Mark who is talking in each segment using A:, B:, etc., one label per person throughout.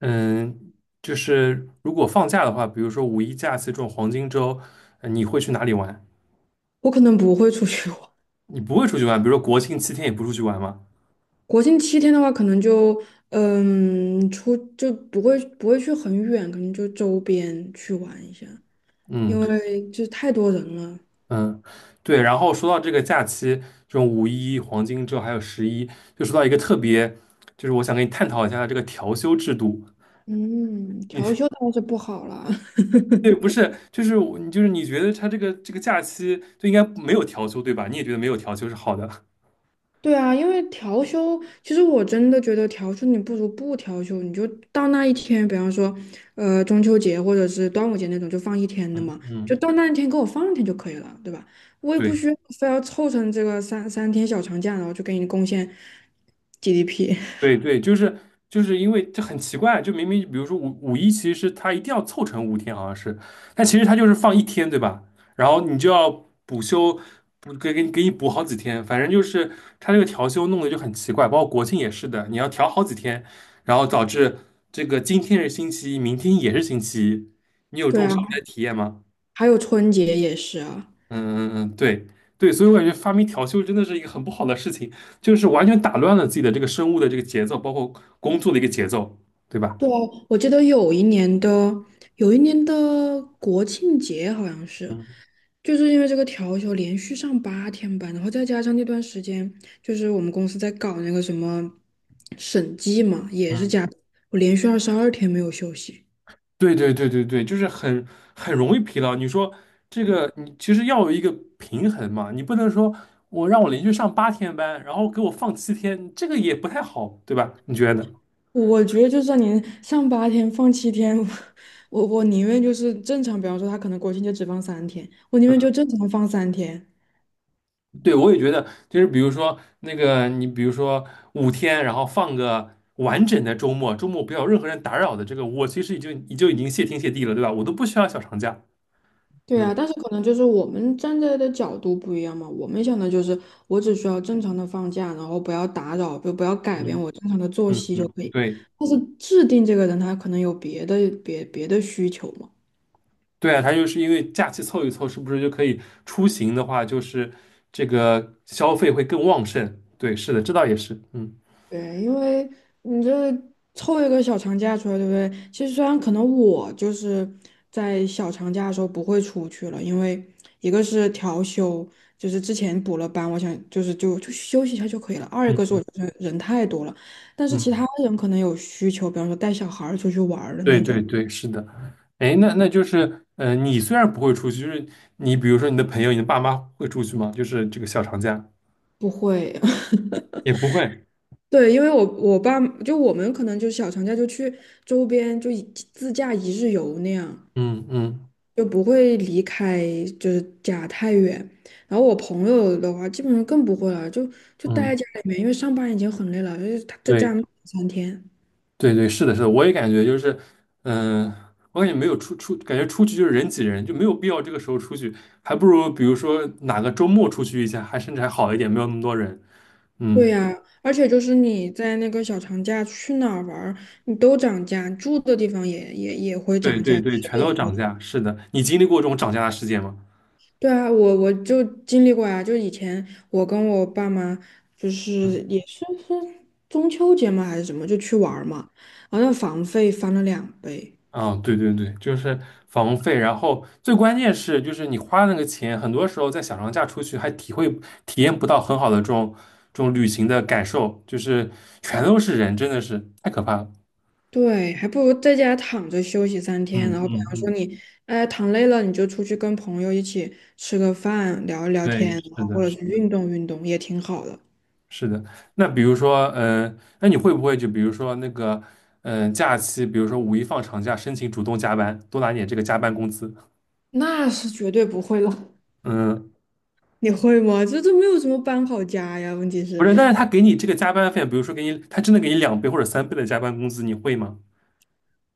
A: 嗯，就是如果放假的话，比如说五一假期这种黄金周，你会去哪里玩？
B: 我可能不会出去玩。
A: 你不会出去玩，比如说国庆七天也不出去玩吗？
B: 国庆七天的话，可能就嗯出就不会去很远，可能就周边去玩一下，因
A: 嗯
B: 为就太多人了。
A: 嗯，对。然后说到这个假期，这种五一、黄金周还有十一，就说到一个特别，就是我想跟你探讨一下这个调休制度。
B: 嗯，
A: 你
B: 调休倒是不好了。
A: 对，不是，就是我就是你觉得他这个假期就应该没有调休，对吧？你也觉得没有调休是好的。
B: 对啊，因为调休，其实我真的觉得调休你不如不调休，你就到那一天，比方说，中秋节或者是端午节那种，就放一 天的
A: 嗯
B: 嘛，就
A: 嗯，
B: 到那一天给我放一天就可以了，对吧？我也不
A: 对。
B: 需要非要凑成这个三天小长假，然后就给你贡献 GDP。
A: 对 对，就是就是因为这很奇怪，就明明比如说五一，其实是它一定要凑成五天，好像是，但其实他就是放一天，对吧？然后你就要补休，补给你补好几天，反正就是他这个调休弄得就很奇怪，包括国庆也是的，你要调好几天，然后导致这个今天是星期一，明天也是星期一，你有这
B: 对
A: 种
B: 啊，
A: 上班体验吗？
B: 还有春节也是啊。
A: 嗯嗯嗯，对对，所以我感觉发明调休真的是一个很不好的事情，就是完全打乱了自己的这个生物的这个节奏，包括工作的一个节奏，对吧？
B: 对啊，我记得有一年的，有一年的国庆节好像是，
A: 嗯
B: 就是因为这个调休连续上八天班，然后再加上那段时间，就是我们公司在搞那个什么审计嘛，也是
A: 嗯，
B: 加，我连续二十二天没有休息。
A: 对对对对对，就是很很容易疲劳。你说这个，你其实要有一个平衡嘛，你不能说我让我连续上8天班，然后给我放七天，这个也不太好，对吧？你觉得呢？
B: 我觉得就算您上八天放七天，我我宁愿就是正常，比方说他可能国庆节只放三天，我宁愿就正常放三天。
A: 对，我也觉得，就是比如说那个，你比如说五天，然后放个完整的周末，周末不要有任何人打扰的这个，我其实已经谢天谢地了，对吧？我都不需要小长假。
B: 对
A: 嗯
B: 啊，但是可能就是我们站在的角度不一样嘛。我们想的就是，我只需要正常的放假，然后不要打扰，就不要改变
A: 嗯
B: 我正常的作
A: 嗯
B: 息就
A: 嗯，
B: 可以。
A: 对
B: 但是制定这个人，他可能有别的别的需求嘛。
A: 对啊，他就是因为假期凑一凑，是不是就可以出行的话，就是这个消费会更旺盛？对，是的，这倒也是。嗯
B: 对，因为你这凑一个小长假出来，对不对？其实虽然可能我就是在小长假的时候不会出去了，因为一个是调休，就是之前补了班，我想就是就休息一下就可以了。二一个是
A: 嗯
B: 我觉得人太多了，但是其他
A: 嗯，
B: 人可能有需求，比方说带小孩儿出去玩儿的
A: 对
B: 那
A: 对
B: 种，
A: 对，是的。哎，那那就是，你虽然不会出去，就是你比如说你的朋友、你的爸妈会出去吗？就是这个小长假。
B: 不会。
A: 也不会，
B: 对，因为我就我们可能就小长假就去周边自驾一日游那样。
A: 嗯嗯
B: 就不会离开就是家太远。然后我朋友的话，基本上更不会了，就待
A: 嗯，
B: 在家里面，因为上班已经很累了，就是他在
A: 对
B: 家三天。
A: 对对，是的，是的，我也感觉就是，嗯、我感觉没有出，感觉出去就是人挤人，就没有必要这个时候出去，还不如比如说哪个周末出去一下，还甚至还好一点，没有那么多人。
B: 对
A: 嗯，
B: 呀，而且就是你在那个小长假去哪儿玩儿，你都涨价，住的地方也会
A: 对
B: 涨
A: 对
B: 价，吃
A: 对，全
B: 的
A: 都
B: 也会。
A: 涨价，是的，你经历过这种涨价的事件吗？
B: 对啊，我就经历过呀，就以前我跟我爸妈就是也是中秋节嘛还是什么，就去玩儿嘛，然后那房费翻了两倍。
A: 啊，对对对，就是房费，然后最关键是，就是你花那个钱，很多时候在小长假出去还体验不到很好的这种这种旅行的感受，就是全都是人，真的是太可怕了。
B: 对，还不如在家躺着休息三天，然
A: 嗯
B: 后比
A: 嗯
B: 方说
A: 嗯，
B: 你，哎，躺累了，你就出去跟朋友一起吃个饭，聊一聊天，
A: 对，
B: 然
A: 是
B: 后
A: 的，
B: 或者
A: 是
B: 是
A: 的，
B: 运动运动，也挺好的。
A: 是的。那比如说，嗯、那你会不会就比如说那个，嗯、假期，比如说五一放长假，申请主动加班，多拿点这个加班工资？
B: 那是绝对不会了。
A: 嗯，
B: 你会吗？这这没有什么搬好家呀，问题
A: 不
B: 是
A: 是，但是他给你这个加班费，比如说给你，他真的给你2倍或者3倍的加班工资，你会吗？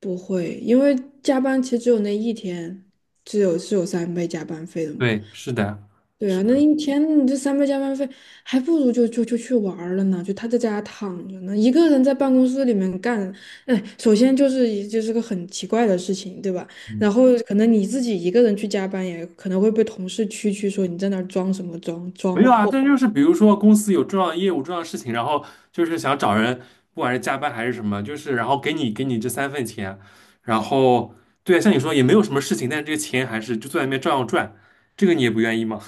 B: 不会，因为加班其实只有那一天，只有是有三倍加班费的嘛。
A: 对，是的，
B: 对
A: 是
B: 啊，那
A: 的，
B: 一天你这三倍加班费，还不如就去玩儿了呢，就他在家躺着呢，一个人在办公室里面干，哎，首先就是个很奇怪的事情，对吧？然
A: 嗯
B: 后可能你自己一个人去加班，也可能会被同事蛐蛐说你在那儿装什么装
A: 没
B: 装
A: 有啊，
B: 货，
A: 但就是比如说公司有重要业务、重要事情，然后就是想找人，不管是加班还是什么，就是然后给你这三份钱，然后对啊，像你说也没有什么事情，但是这个钱还是就坐在那边照样赚，这个你也不愿意吗？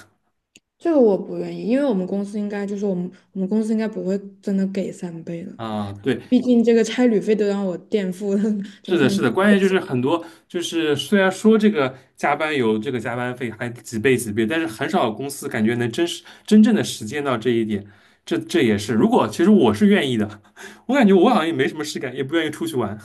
B: 这个我不愿意，因为我们公司应该就是我们公司应该不会真的给三倍的，
A: 啊，对，
B: 毕竟这个差旅费都让我垫付了，怎
A: 是
B: 么可
A: 的，
B: 能？
A: 是的，关键就是很多，就是虽然说这个加班有这个加班费还几倍几倍，但是很少有公司感觉能真实真正的实践到这一点。这这也是，如果其实我是愿意的，我感觉我好像也没什么事干，也不愿意出去玩。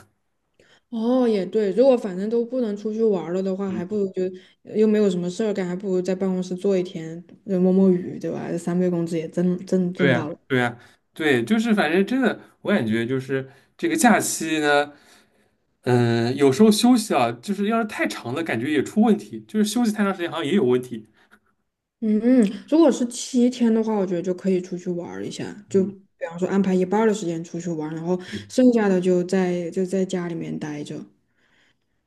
B: 哦，也对，如果反正都不能出去玩儿了的话，还不如就又没有什么事儿干，还不如在办公室坐一天，就摸摸鱼，对吧？这三倍工资也挣挣
A: 对
B: 挣
A: 呀，
B: 到了。
A: 对呀对，就是反正真的，我感觉就是这个假期呢，嗯、有时候休息啊，就是要是太长了，感觉也出问题，就是休息太长时间好像也有问题。
B: 嗯嗯，如果是七天的话，我觉得就可以出去玩儿一下，就
A: 嗯，
B: 比方说安排一半儿的时间出去玩儿然后
A: 对。
B: 剩下的就在家里面待着。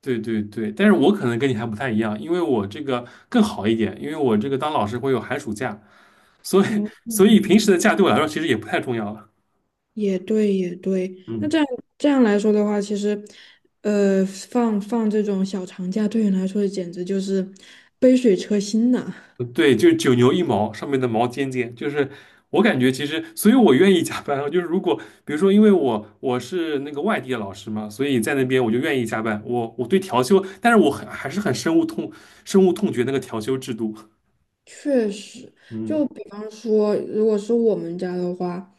A: 对对对，但是我可能跟你还不太一样，因为我这个更好一点，因为我这个当老师会有寒暑假，所以
B: 嗯，
A: 所以
B: 嗯
A: 平时的假对我来说其实也不太重要了。
B: 也对，也对。那这
A: 嗯，
B: 样这样来说的话，其实，放这种小长假对你来说简直就是杯水车薪呐。
A: 对，就是九牛一毛，上面的毛尖尖，就是我感觉其实，所以我愿意加班啊就是如果比如说，因为我是那个外地的老师嘛，所以在那边我就愿意加班。我对调休，但是我很还是很深恶痛绝那个调休制度。
B: 确实，
A: 嗯
B: 就比方说，如果是我们家的话，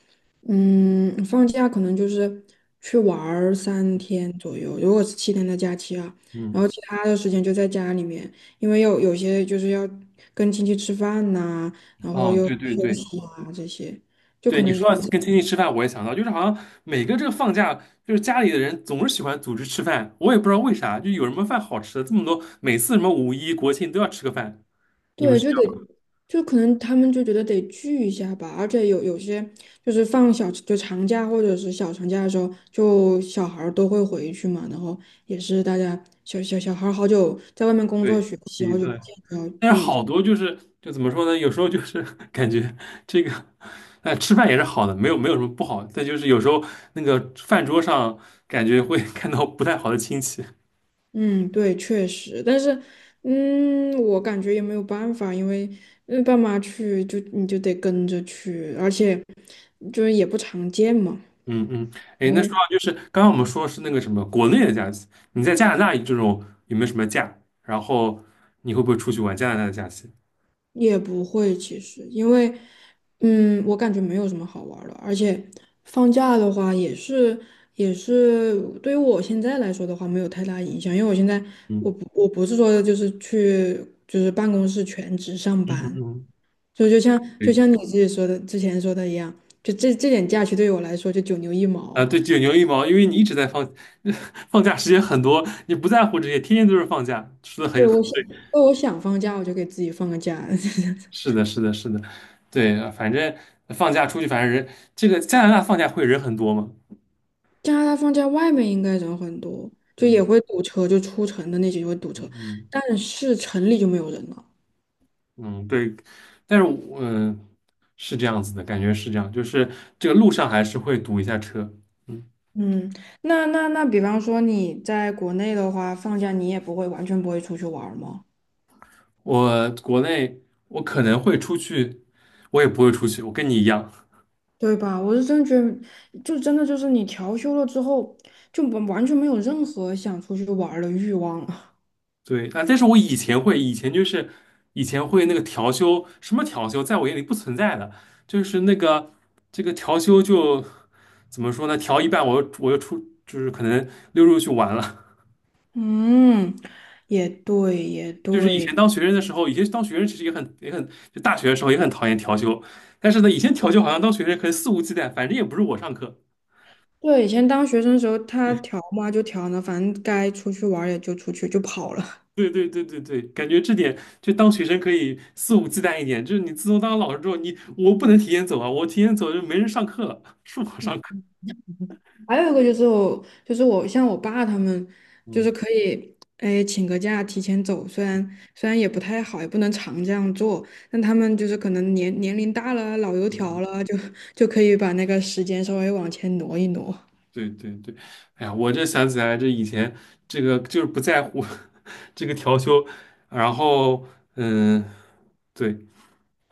B: 嗯，放假可能就是去玩儿三天左右，如果是七天的假期啊，然
A: 嗯，
B: 后其他的时间就在家里面，因为有些就是要跟亲戚吃饭呐、然后
A: 哦，
B: 又
A: 对对
B: 休
A: 对，
B: 息啊这些。就可
A: 对你
B: 能。
A: 说到跟亲戚吃饭，我也想到，就是好像每个这个放假，就是家里的人总是喜欢组织吃饭，我也不知道为啥，就有什么饭好吃的这么多，每次什么五一、国庆都要吃个饭。你们
B: 对，
A: 是
B: 就得
A: 要
B: 就可能他们就觉得得聚一下吧，而且有些就是放长假或者是小长假的时候，就小孩儿都会回去嘛，然后也是大家小孩儿好久在外面工作
A: 对，
B: 学习，
A: 对
B: 好久不
A: 对，
B: 见。
A: 但是好多就是就怎么说呢？有时候就是 感觉这个，吃饭也是好的，没有没有什么不好，但就是有时候那个饭桌上感觉会 看到不太好的亲戚。
B: 嗯，对，确实，但是嗯，我感觉也没有办法，因为嗯爸妈去就你就得跟着去，而且就是也不常见嘛。
A: 嗯嗯，哎，那说到就是刚刚我们说是那个什么国内的假期，你在加拿大这种有没有什么假？然后你会不会出去玩加拿大的假期？
B: 也不会，其实因为，嗯，我感觉没有什么好玩儿的，而且放假的话也是对于我现在来说的话没有太大影响，因为我现在
A: 嗯
B: 我不是说就是去办公室全职上
A: 嗯嗯，
B: 班，
A: 嗯
B: 就
A: 对
B: 像你自己说的之前说的一样，就这点假期对于我来说就九牛一毛，
A: 啊，对，九牛一毛，因为你一直在放 放假时间很多，你不在乎这些，天天都是放假，说的很
B: 对
A: 很
B: 我想对我想放假我就给自己放个假，
A: 是的，是的，是的，对，反正放假出去，反正人这个加拿大放假会人很多嘛，
B: 加拿大放假外面应该人很多，就也会堵车，就出城的那些就会堵车，
A: 嗯嗯。
B: 但是城里就没有人了。
A: 嗯，对，但是我，嗯、是这样子的，感觉是这样，就是这个路上还是会堵一下车。嗯，
B: 嗯，那，比方说你在国内的话，放假你也不会完全不会出去玩儿吗？
A: 我国内我可能会出去，我也不会出去，我跟你一样。
B: 对吧？我是真觉得，就真的就是你调休了之后，就完完全没有任何想出去玩儿的欲望了。
A: 对啊，但是我以前会，以前就是以前会那个调休，什么调休，在我眼里不存在的，就是那个这个调休就怎么说呢？调一半我又出，就是可能溜出去玩了，
B: 嗯，也对，也
A: 就是以
B: 对。
A: 前当学生的时候，以前当学生其实也很也很，就大学的时候也很讨厌调休，但是呢，以前调休好像当学生可以肆无忌惮，反正也不是我上课。
B: 对，以前当学生时候，他调嘛就调呢，反正该出去玩儿也就出去，就跑了。
A: 对对对对对，对，感觉这点就当学生可以肆无忌惮一点，就是你自从当了老师之后，你我不能提前走啊，我提前走就没人上课了，是我上课。
B: 还有一个就是我，就是我像我爸他们，就是
A: 嗯
B: 可以，哎，请个假提前走，虽然也不太好，也不能常这样做，但他们就是可能年龄大了，老油
A: 嗯
B: 条
A: 嗯，
B: 了，就可以把那个时间稍微往前挪一挪。
A: 对对对，哎呀，我这想起来这以前这个就是不在乎 这个调休，然后嗯，对，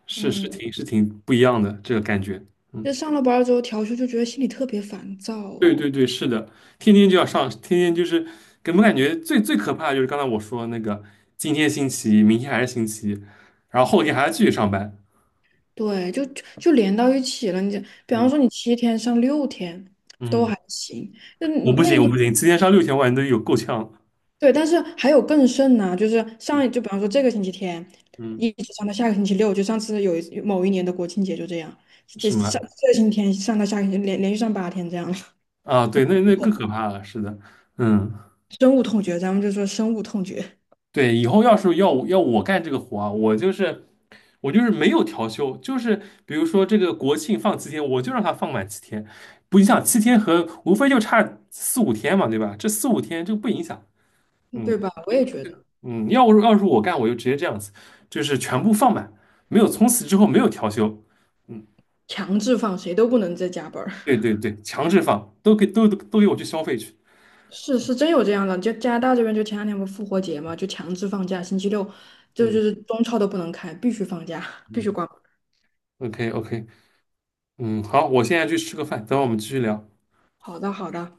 A: 是是
B: 嗯，
A: 挺是挺不一样的这个感觉。嗯。
B: 就上了班儿之后调休，就觉得心里特别烦躁，
A: 对对对，是的，天天就要上，天天就是给我们感觉最最可怕的就是刚才我说的那个，今天星期一，明天还是星期一，然后后天还要继续上班。
B: 对，就连到一起了。你这，比方
A: 嗯
B: 说你七天上六天都
A: 嗯，
B: 还行，那
A: 我不
B: 那
A: 行，我不行，今天上6天，我感都有够呛了
B: 对，但是还有更甚呢，就是上一就比方说这个星期天，
A: 嗯，
B: 一直上到下个星期六，就上次有某一年的国庆节就这样，这
A: 是
B: 上
A: 吗？
B: 这个星期天上到下个星期连续上八天这样了，
A: 啊，对，那那更 可怕了，是的，嗯。
B: 深恶痛绝，咱们就说深恶痛绝，
A: 对，以后要是要我干这个活啊，我就是我就是没有调休，就是比如说这个国庆放七天，我就让他放满七天，不影响七天和无非就差四五天嘛，对吧？这四五天这个不影响。
B: 嗯
A: 嗯
B: 对吧？我也觉得
A: 嗯，要是我干，我就直接这样子，就是全部放满，没有从此之后没有调休。嗯，
B: 强制放谁都不能再加班儿，
A: 对对对，强制放，都给都给我去消费去。
B: 是是真有这样的，就加拿大这边就前两天不复活节嘛，就强制放假，星期六就是
A: 嗯
B: 中超都不能开，必须放假，必须
A: 嗯
B: 关门。
A: ，OK OK，嗯，好，我现在去吃个饭，等会儿我们继续聊。
B: 好的好的。